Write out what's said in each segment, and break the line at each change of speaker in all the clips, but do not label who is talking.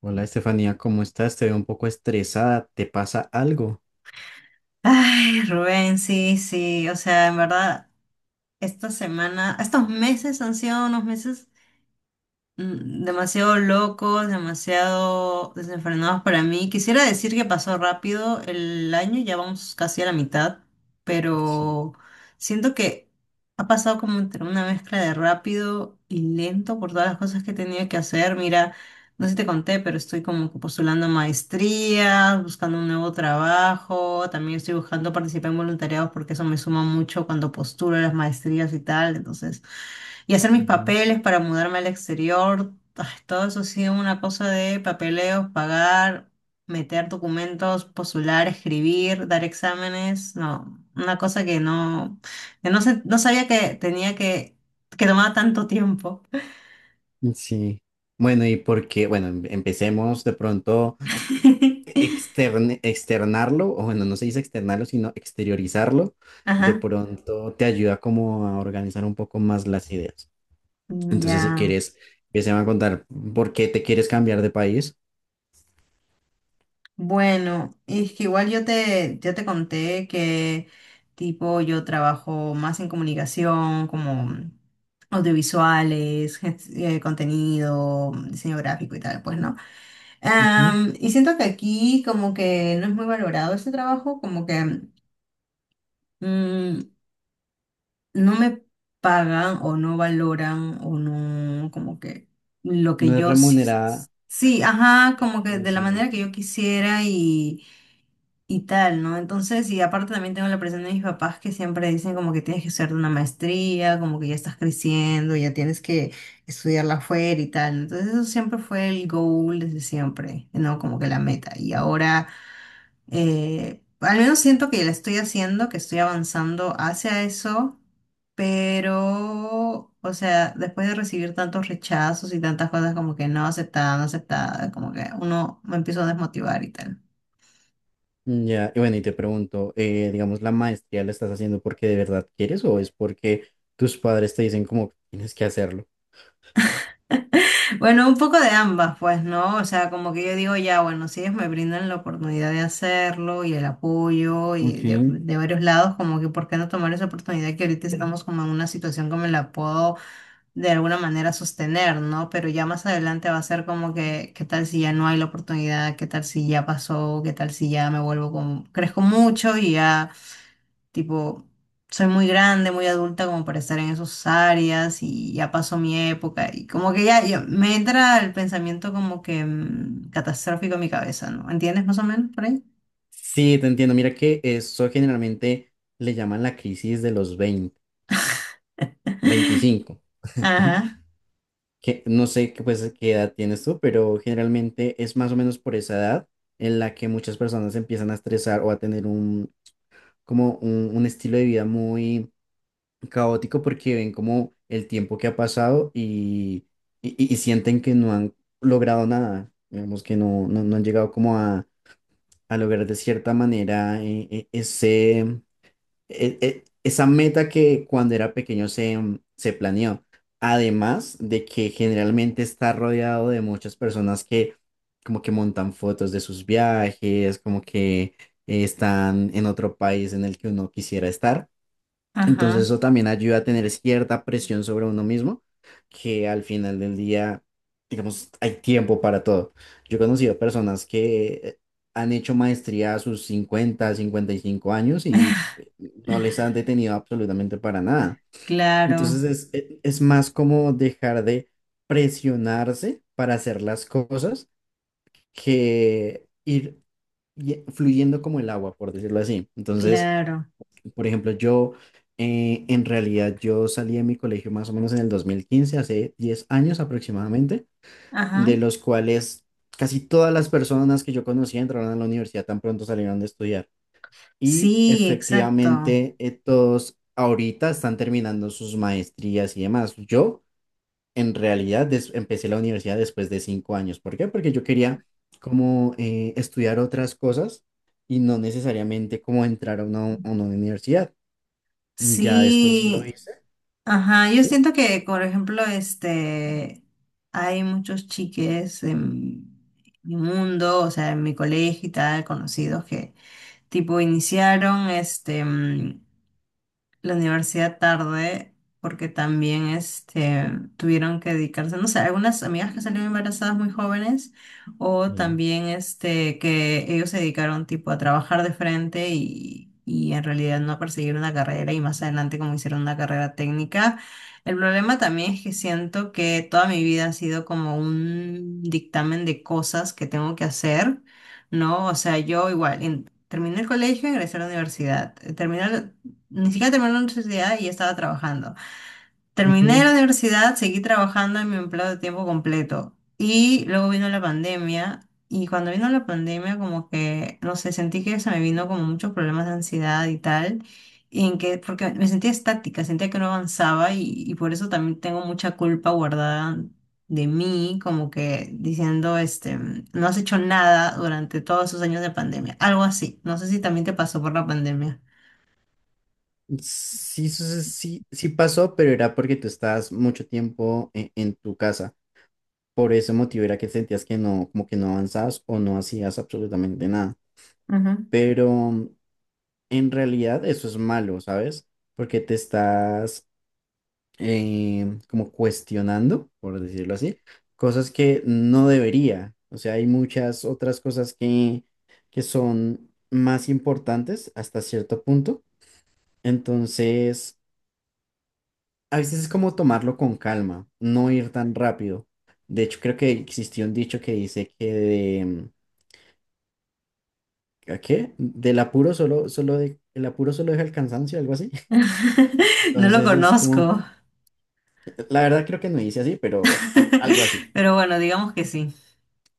Hola Estefanía, ¿cómo estás? Te veo un poco estresada, ¿te pasa algo?
Ay, Rubén, sí, sí, o sea, en verdad, esta semana, estos meses han sido unos meses demasiado locos, demasiado desenfrenados para mí. Quisiera decir que pasó rápido el año, ya vamos casi a la mitad,
Sí.
pero siento que ha pasado como entre una mezcla de rápido y lento por todas las cosas que he tenido que hacer. Mira, no sé si te conté, pero estoy como que postulando a maestrías, buscando un nuevo trabajo, también estoy buscando participar en voluntariados porque eso me suma mucho cuando postulo a las maestrías y tal, entonces... Y hacer mis papeles para mudarme al exterior, ah, todo eso ha sido una cosa de papeleos, pagar, meter documentos, postular, escribir, dar exámenes, no, una cosa que no, no sabía que tenía que tomaba tanto tiempo.
Ujú. Sí. Bueno, ¿y porque Bueno, empecemos de pronto externarlo, o bueno, no se dice externarlo, sino exteriorizarlo. De
Ajá,
pronto te ayuda como a organizar un poco más las ideas. Entonces, si
ya.
quieres, empecemos a contar por qué te quieres cambiar de país.
Bueno, es que igual ya te conté que tipo yo trabajo más en comunicación, como audiovisuales, contenido, diseño gráfico y tal, pues, ¿no?
Ujú.
Y siento que aquí como que no es muy valorado ese trabajo, como que mm, no me pagan o no valoran o no, como que lo que
No es
yo sí,
remunerada
sí, ajá, como que de la manera que
conocimiento.
yo quisiera y tal, ¿no? Entonces, y aparte también tengo la presión de mis papás que siempre dicen como que tienes que hacer una maestría, como que ya estás creciendo, ya tienes que estudiarla afuera y tal. Entonces, eso siempre fue el goal desde siempre, ¿no? Como que la meta. Y ahora, al menos siento que la estoy haciendo, que estoy avanzando hacia eso. Pero, o sea, después de recibir tantos rechazos y tantas cosas como que no aceptada, no aceptada, como que uno me empiezo a desmotivar y tal.
Mm, ya, y bueno, y te pregunto, digamos, ¿la maestría la estás haciendo porque de verdad quieres o es porque tus padres te dicen como tienes que hacerlo?
Bueno, un poco de ambas, pues, ¿no? O sea, como que yo digo, ya, bueno, si ellos me brindan la oportunidad de hacerlo y el apoyo y
Ok.
de varios lados, como que ¿por qué no tomar esa oportunidad que ahorita estamos como en una situación que me la puedo de alguna manera sostener, ¿no? Pero ya más adelante va a ser como que, ¿qué tal si ya no hay la oportunidad? ¿Qué tal si ya pasó? ¿Qué tal si ya me vuelvo como, crezco mucho y ya... Tipo, soy muy grande, muy adulta como para estar en esas áreas y ya pasó mi época y como que ya, ya me entra el pensamiento como que catastrófico en mi cabeza, ¿no? ¿Entiendes más o menos por ahí?
Sí, te entiendo. Mira que eso generalmente le llaman la crisis de los 20 25,
Ajá,
que no sé qué, pues, qué edad tienes tú, pero generalmente es más o menos por esa edad en la que muchas personas empiezan a estresar o a tener como un estilo de vida muy caótico porque ven como el tiempo que ha pasado y, y sienten que no han logrado nada, digamos que no, no, no han llegado como a lograr de cierta manera ese, esa meta que cuando era pequeño se, se planeó. Además de que generalmente está rodeado de muchas personas que como que montan fotos de sus viajes, como que están en otro país en el que uno quisiera estar. Entonces
ajá,
eso también ayuda a tener cierta presión sobre uno mismo, que al final del día, digamos, hay tiempo para todo. Yo he conocido personas que han hecho maestría a sus 50 55 años y no les han detenido absolutamente para nada.
claro,
Entonces es más como dejar de presionarse para hacer las cosas que ir fluyendo como el agua, por decirlo así. Entonces...
claro,
Por ejemplo, yo, en realidad yo salí de mi colegio más o menos en el 2015, hace 10 años aproximadamente, de
ajá.
los cuales casi todas las personas que yo conocía entraron a la universidad tan pronto salieron de estudiar. Y
Sí, exacto.
efectivamente, todos ahorita están terminando sus maestrías y demás. Yo en realidad empecé la universidad después de 5 años. ¿Por qué? Porque yo quería como, estudiar otras cosas y no necesariamente como entrar a una universidad. Ya después lo
Sí,
hice,
ajá, yo
¿sí?
siento que, por ejemplo, este, hay muchos chiques en mi mundo, o sea, en mi colegio y tal, conocidos que, tipo, iniciaron, este, la universidad tarde porque también este, tuvieron que dedicarse, no sé, algunas amigas que salieron embarazadas muy jóvenes o
Sí.
también este, que ellos se dedicaron tipo a trabajar de frente y en realidad no a perseguir una carrera y más adelante como hicieron una carrera técnica. El problema también es que siento que toda mi vida ha sido como un dictamen de cosas que tengo que hacer. ¿No? O sea, yo igual, terminé el colegio, ingresé a la universidad, terminé, ni siquiera terminé la universidad y estaba trabajando. Terminé
Ujú.
la universidad, seguí trabajando en mi empleo de tiempo completo. Y luego vino la pandemia. Y cuando vino la pandemia, como que, no sé, sentí que se me vino como muchos problemas de ansiedad y tal. Y en que, porque me sentía estática, sentía que no avanzaba y por eso también tengo mucha culpa guardada de mí, como que diciendo, este, no has hecho nada durante todos esos años de pandemia. Algo así. No sé si también te pasó por la pandemia.
Sí, sí, sí, sí, sí pasó, pero era porque tú estabas mucho tiempo en tu casa. Por ese motivo era que sentías que no, como que no avanzabas o no hacías absolutamente nada. Pero en realidad eso es malo, ¿sabes? Porque te estás, como cuestionando, por decirlo así, cosas que no debería. O sea, hay muchas otras cosas que son más importantes hasta cierto punto. Entonces, a veces es como tomarlo con calma, no ir tan rápido. De hecho, creo que existió un dicho que dice que de, ¿a qué? Del apuro solo, el apuro solo deja el cansancio, algo así.
No lo
Entonces es como,
conozco,
la verdad creo que no dice así, pero algo así.
pero bueno, digamos que sí.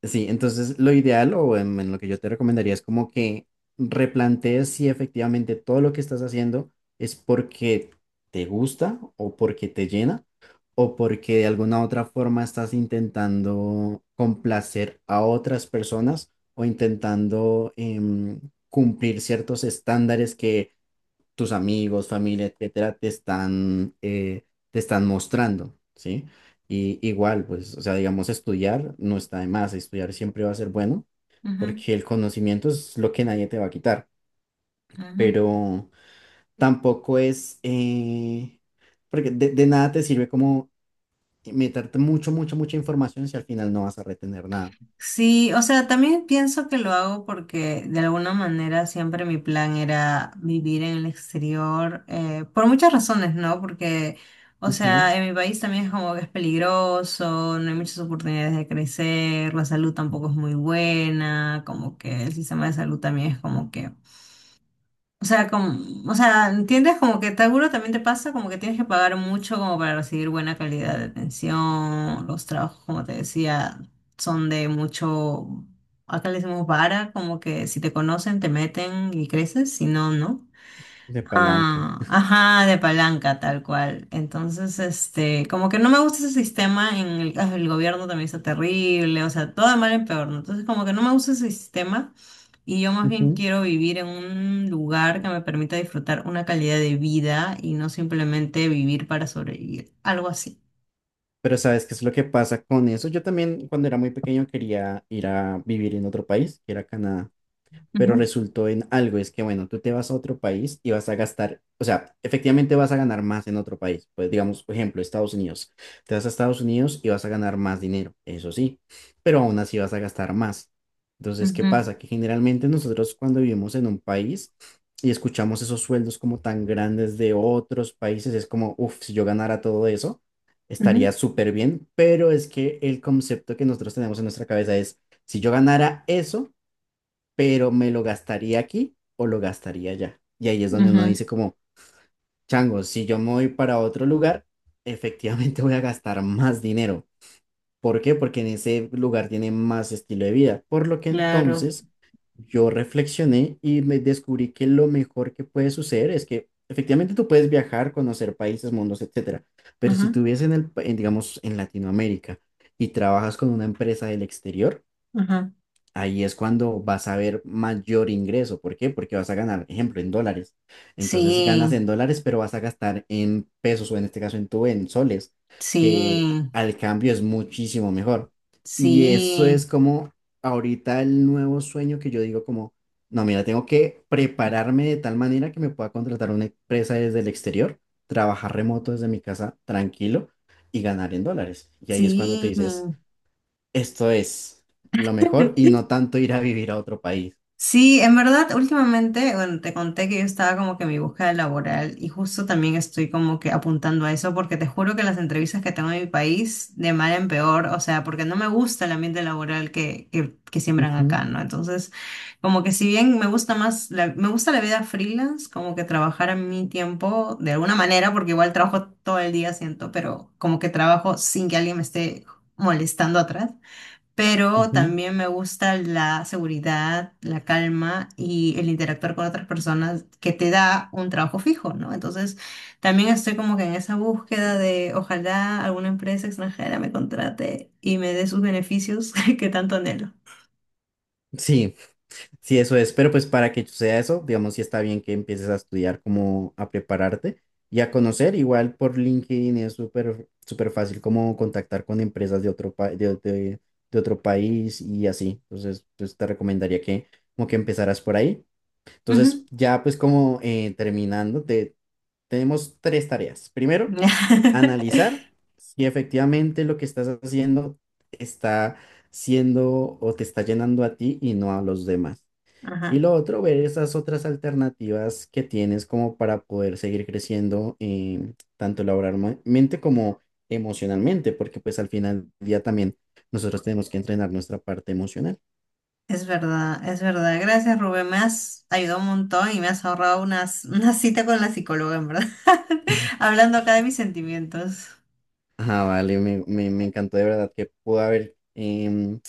Sí, entonces lo ideal o en lo que yo te recomendaría es como que replantees si efectivamente todo lo que estás haciendo es porque te gusta o porque te llena o porque de alguna otra forma estás intentando complacer a otras personas o intentando, cumplir ciertos estándares que tus amigos, familia, etcétera, te están mostrando, ¿sí? Y igual, pues, o sea, digamos, estudiar no está de más, estudiar siempre va a ser bueno,
Ujú,
porque el conocimiento es lo que nadie te va a quitar,
ujú.
pero tampoco es, porque de nada te sirve como meterte mucho, mucho, mucha información si al final no vas a retener nada.
Sí, o sea, también pienso que lo hago porque de alguna manera siempre mi plan era vivir en el exterior, por muchas razones, ¿no? Porque, o
Ujú,
sea, en mi país también es como que es peligroso, no hay muchas oportunidades de crecer, la salud tampoco es muy buena, como que el sistema de salud también es como que o sea, como, o sea, ¿entiendes? Como que seguro también te pasa, como que tienes que pagar mucho como para recibir buena calidad de atención. Los trabajos, como te decía, son de mucho, acá le decimos vara, como que si te conocen, te meten y creces, si no, no.
de palanca.
Ah, ajá, de palanca, tal cual. Entonces, este, como que no me gusta ese sistema en el, ah, el gobierno también está terrible, o sea, todo de mal en peor, ¿no? Entonces, como que no me gusta ese sistema y yo más bien
Ujú.
quiero vivir en un lugar que me permita disfrutar una calidad de vida y no simplemente vivir para sobrevivir, algo así.
Pero ¿sabes qué es lo que pasa con eso? Yo también cuando era muy pequeño quería ir a vivir en otro país, que era Canadá, pero
Ujú,
resultó en algo, es que bueno, tú te vas a otro país y vas a gastar, o sea, efectivamente vas a ganar más en otro país, pues digamos, por ejemplo, Estados Unidos, te vas a Estados Unidos y vas a ganar más dinero, eso sí, pero aún así vas a gastar más. Entonces, ¿qué
ujú,
pasa? Que generalmente nosotros cuando vivimos en un país y escuchamos esos sueldos como tan grandes de otros países, es como, uff, si yo ganara todo eso, estaría
ujú,
súper bien, pero es que el concepto que nosotros tenemos en nuestra cabeza es, si yo ganara eso, pero me lo gastaría aquí o lo gastaría allá. Y ahí es donde uno
ujú,
dice como, chango, si yo me voy para otro lugar, efectivamente, voy a gastar más dinero. ¿Por qué? Porque en ese lugar tiene más estilo de vida. Por lo que
claro.
entonces yo reflexioné y me descubrí que lo mejor que puede suceder es que efectivamente tú puedes viajar, conocer países, mundos, etcétera. Pero
Ajá,
si tú vives en, digamos, en Latinoamérica, y trabajas con una empresa del exterior,
ajá.
ahí es cuando vas a ver mayor ingreso. ¿Por qué? Porque vas a ganar, ejemplo, en dólares. Entonces ganas
Sí,
en dólares, pero vas a gastar en pesos o en este caso en tu en soles, que
sí,
al cambio es muchísimo mejor. Y eso es
sí,
como ahorita el nuevo sueño que yo digo como, no, mira, tengo que prepararme de tal manera que me pueda contratar una empresa desde el exterior, trabajar remoto desde mi casa tranquilo y ganar en dólares. Y ahí es cuando te
sí.
dices esto es lo mejor y no tanto ir a vivir a otro país.
Sí, en verdad, últimamente, bueno, te conté que yo estaba como que en mi búsqueda laboral y justo también estoy como que apuntando a eso porque te juro que las entrevistas que tengo en mi país, de mal en peor, o sea, porque no me gusta el ambiente laboral que siembran
Ujú,
acá, ¿no? Entonces, como que si bien me gusta más, me gusta la vida freelance, como que trabajar a mi tiempo de alguna manera, porque igual trabajo todo el día, siento, pero como que trabajo sin que alguien me esté molestando atrás, pero
ujú.
también me gusta la seguridad, la calma y el interactuar con otras personas que te da un trabajo fijo, ¿no? Entonces, también estoy como que en esa búsqueda de ojalá alguna empresa extranjera me contrate y me dé sus beneficios que tanto anhelo.
Sí, sí, eso es. Pero pues para que sea eso, digamos, sí está bien que empieces a estudiar, como a prepararte y a conocer. Igual por LinkedIn es súper, súper fácil como contactar con empresas de otro, pa- de otro país y así. Entonces, pues te recomendaría que como que empezaras por ahí.
Ujú.
Entonces, ya pues como, terminando, tenemos tres tareas. Primero, analizar si efectivamente lo que estás haciendo está siendo o te está llenando a ti y no a los demás. Y
Ajá,
lo otro, ver esas otras alternativas que tienes como para poder seguir creciendo, tanto laboralmente como emocionalmente, porque pues al final del día también nosotros tenemos que entrenar nuestra parte emocional.
es verdad, es verdad. Gracias, Rubén. Me has ayudado un montón y me has ahorrado una cita con la psicóloga, en verdad. Hablando acá de mis sentimientos.
Ah, vale, me encantó de verdad que pudo haber,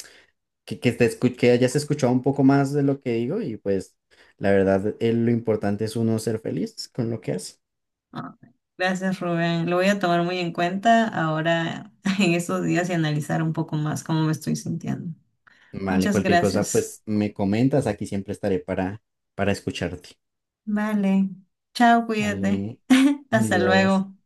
que hayas escuchado un poco más de lo que digo y pues la verdad, lo importante es uno ser feliz con lo que hace.
Ah, gracias, Rubén. Lo voy a tomar muy en cuenta ahora en estos días y analizar un poco más cómo me estoy sintiendo.
Vale,
Muchas
cualquier cosa
gracias.
pues me comentas, aquí siempre estaré para escucharte.
Vale. Chao, cuídate.
Vale,
Hasta
adiós.
luego.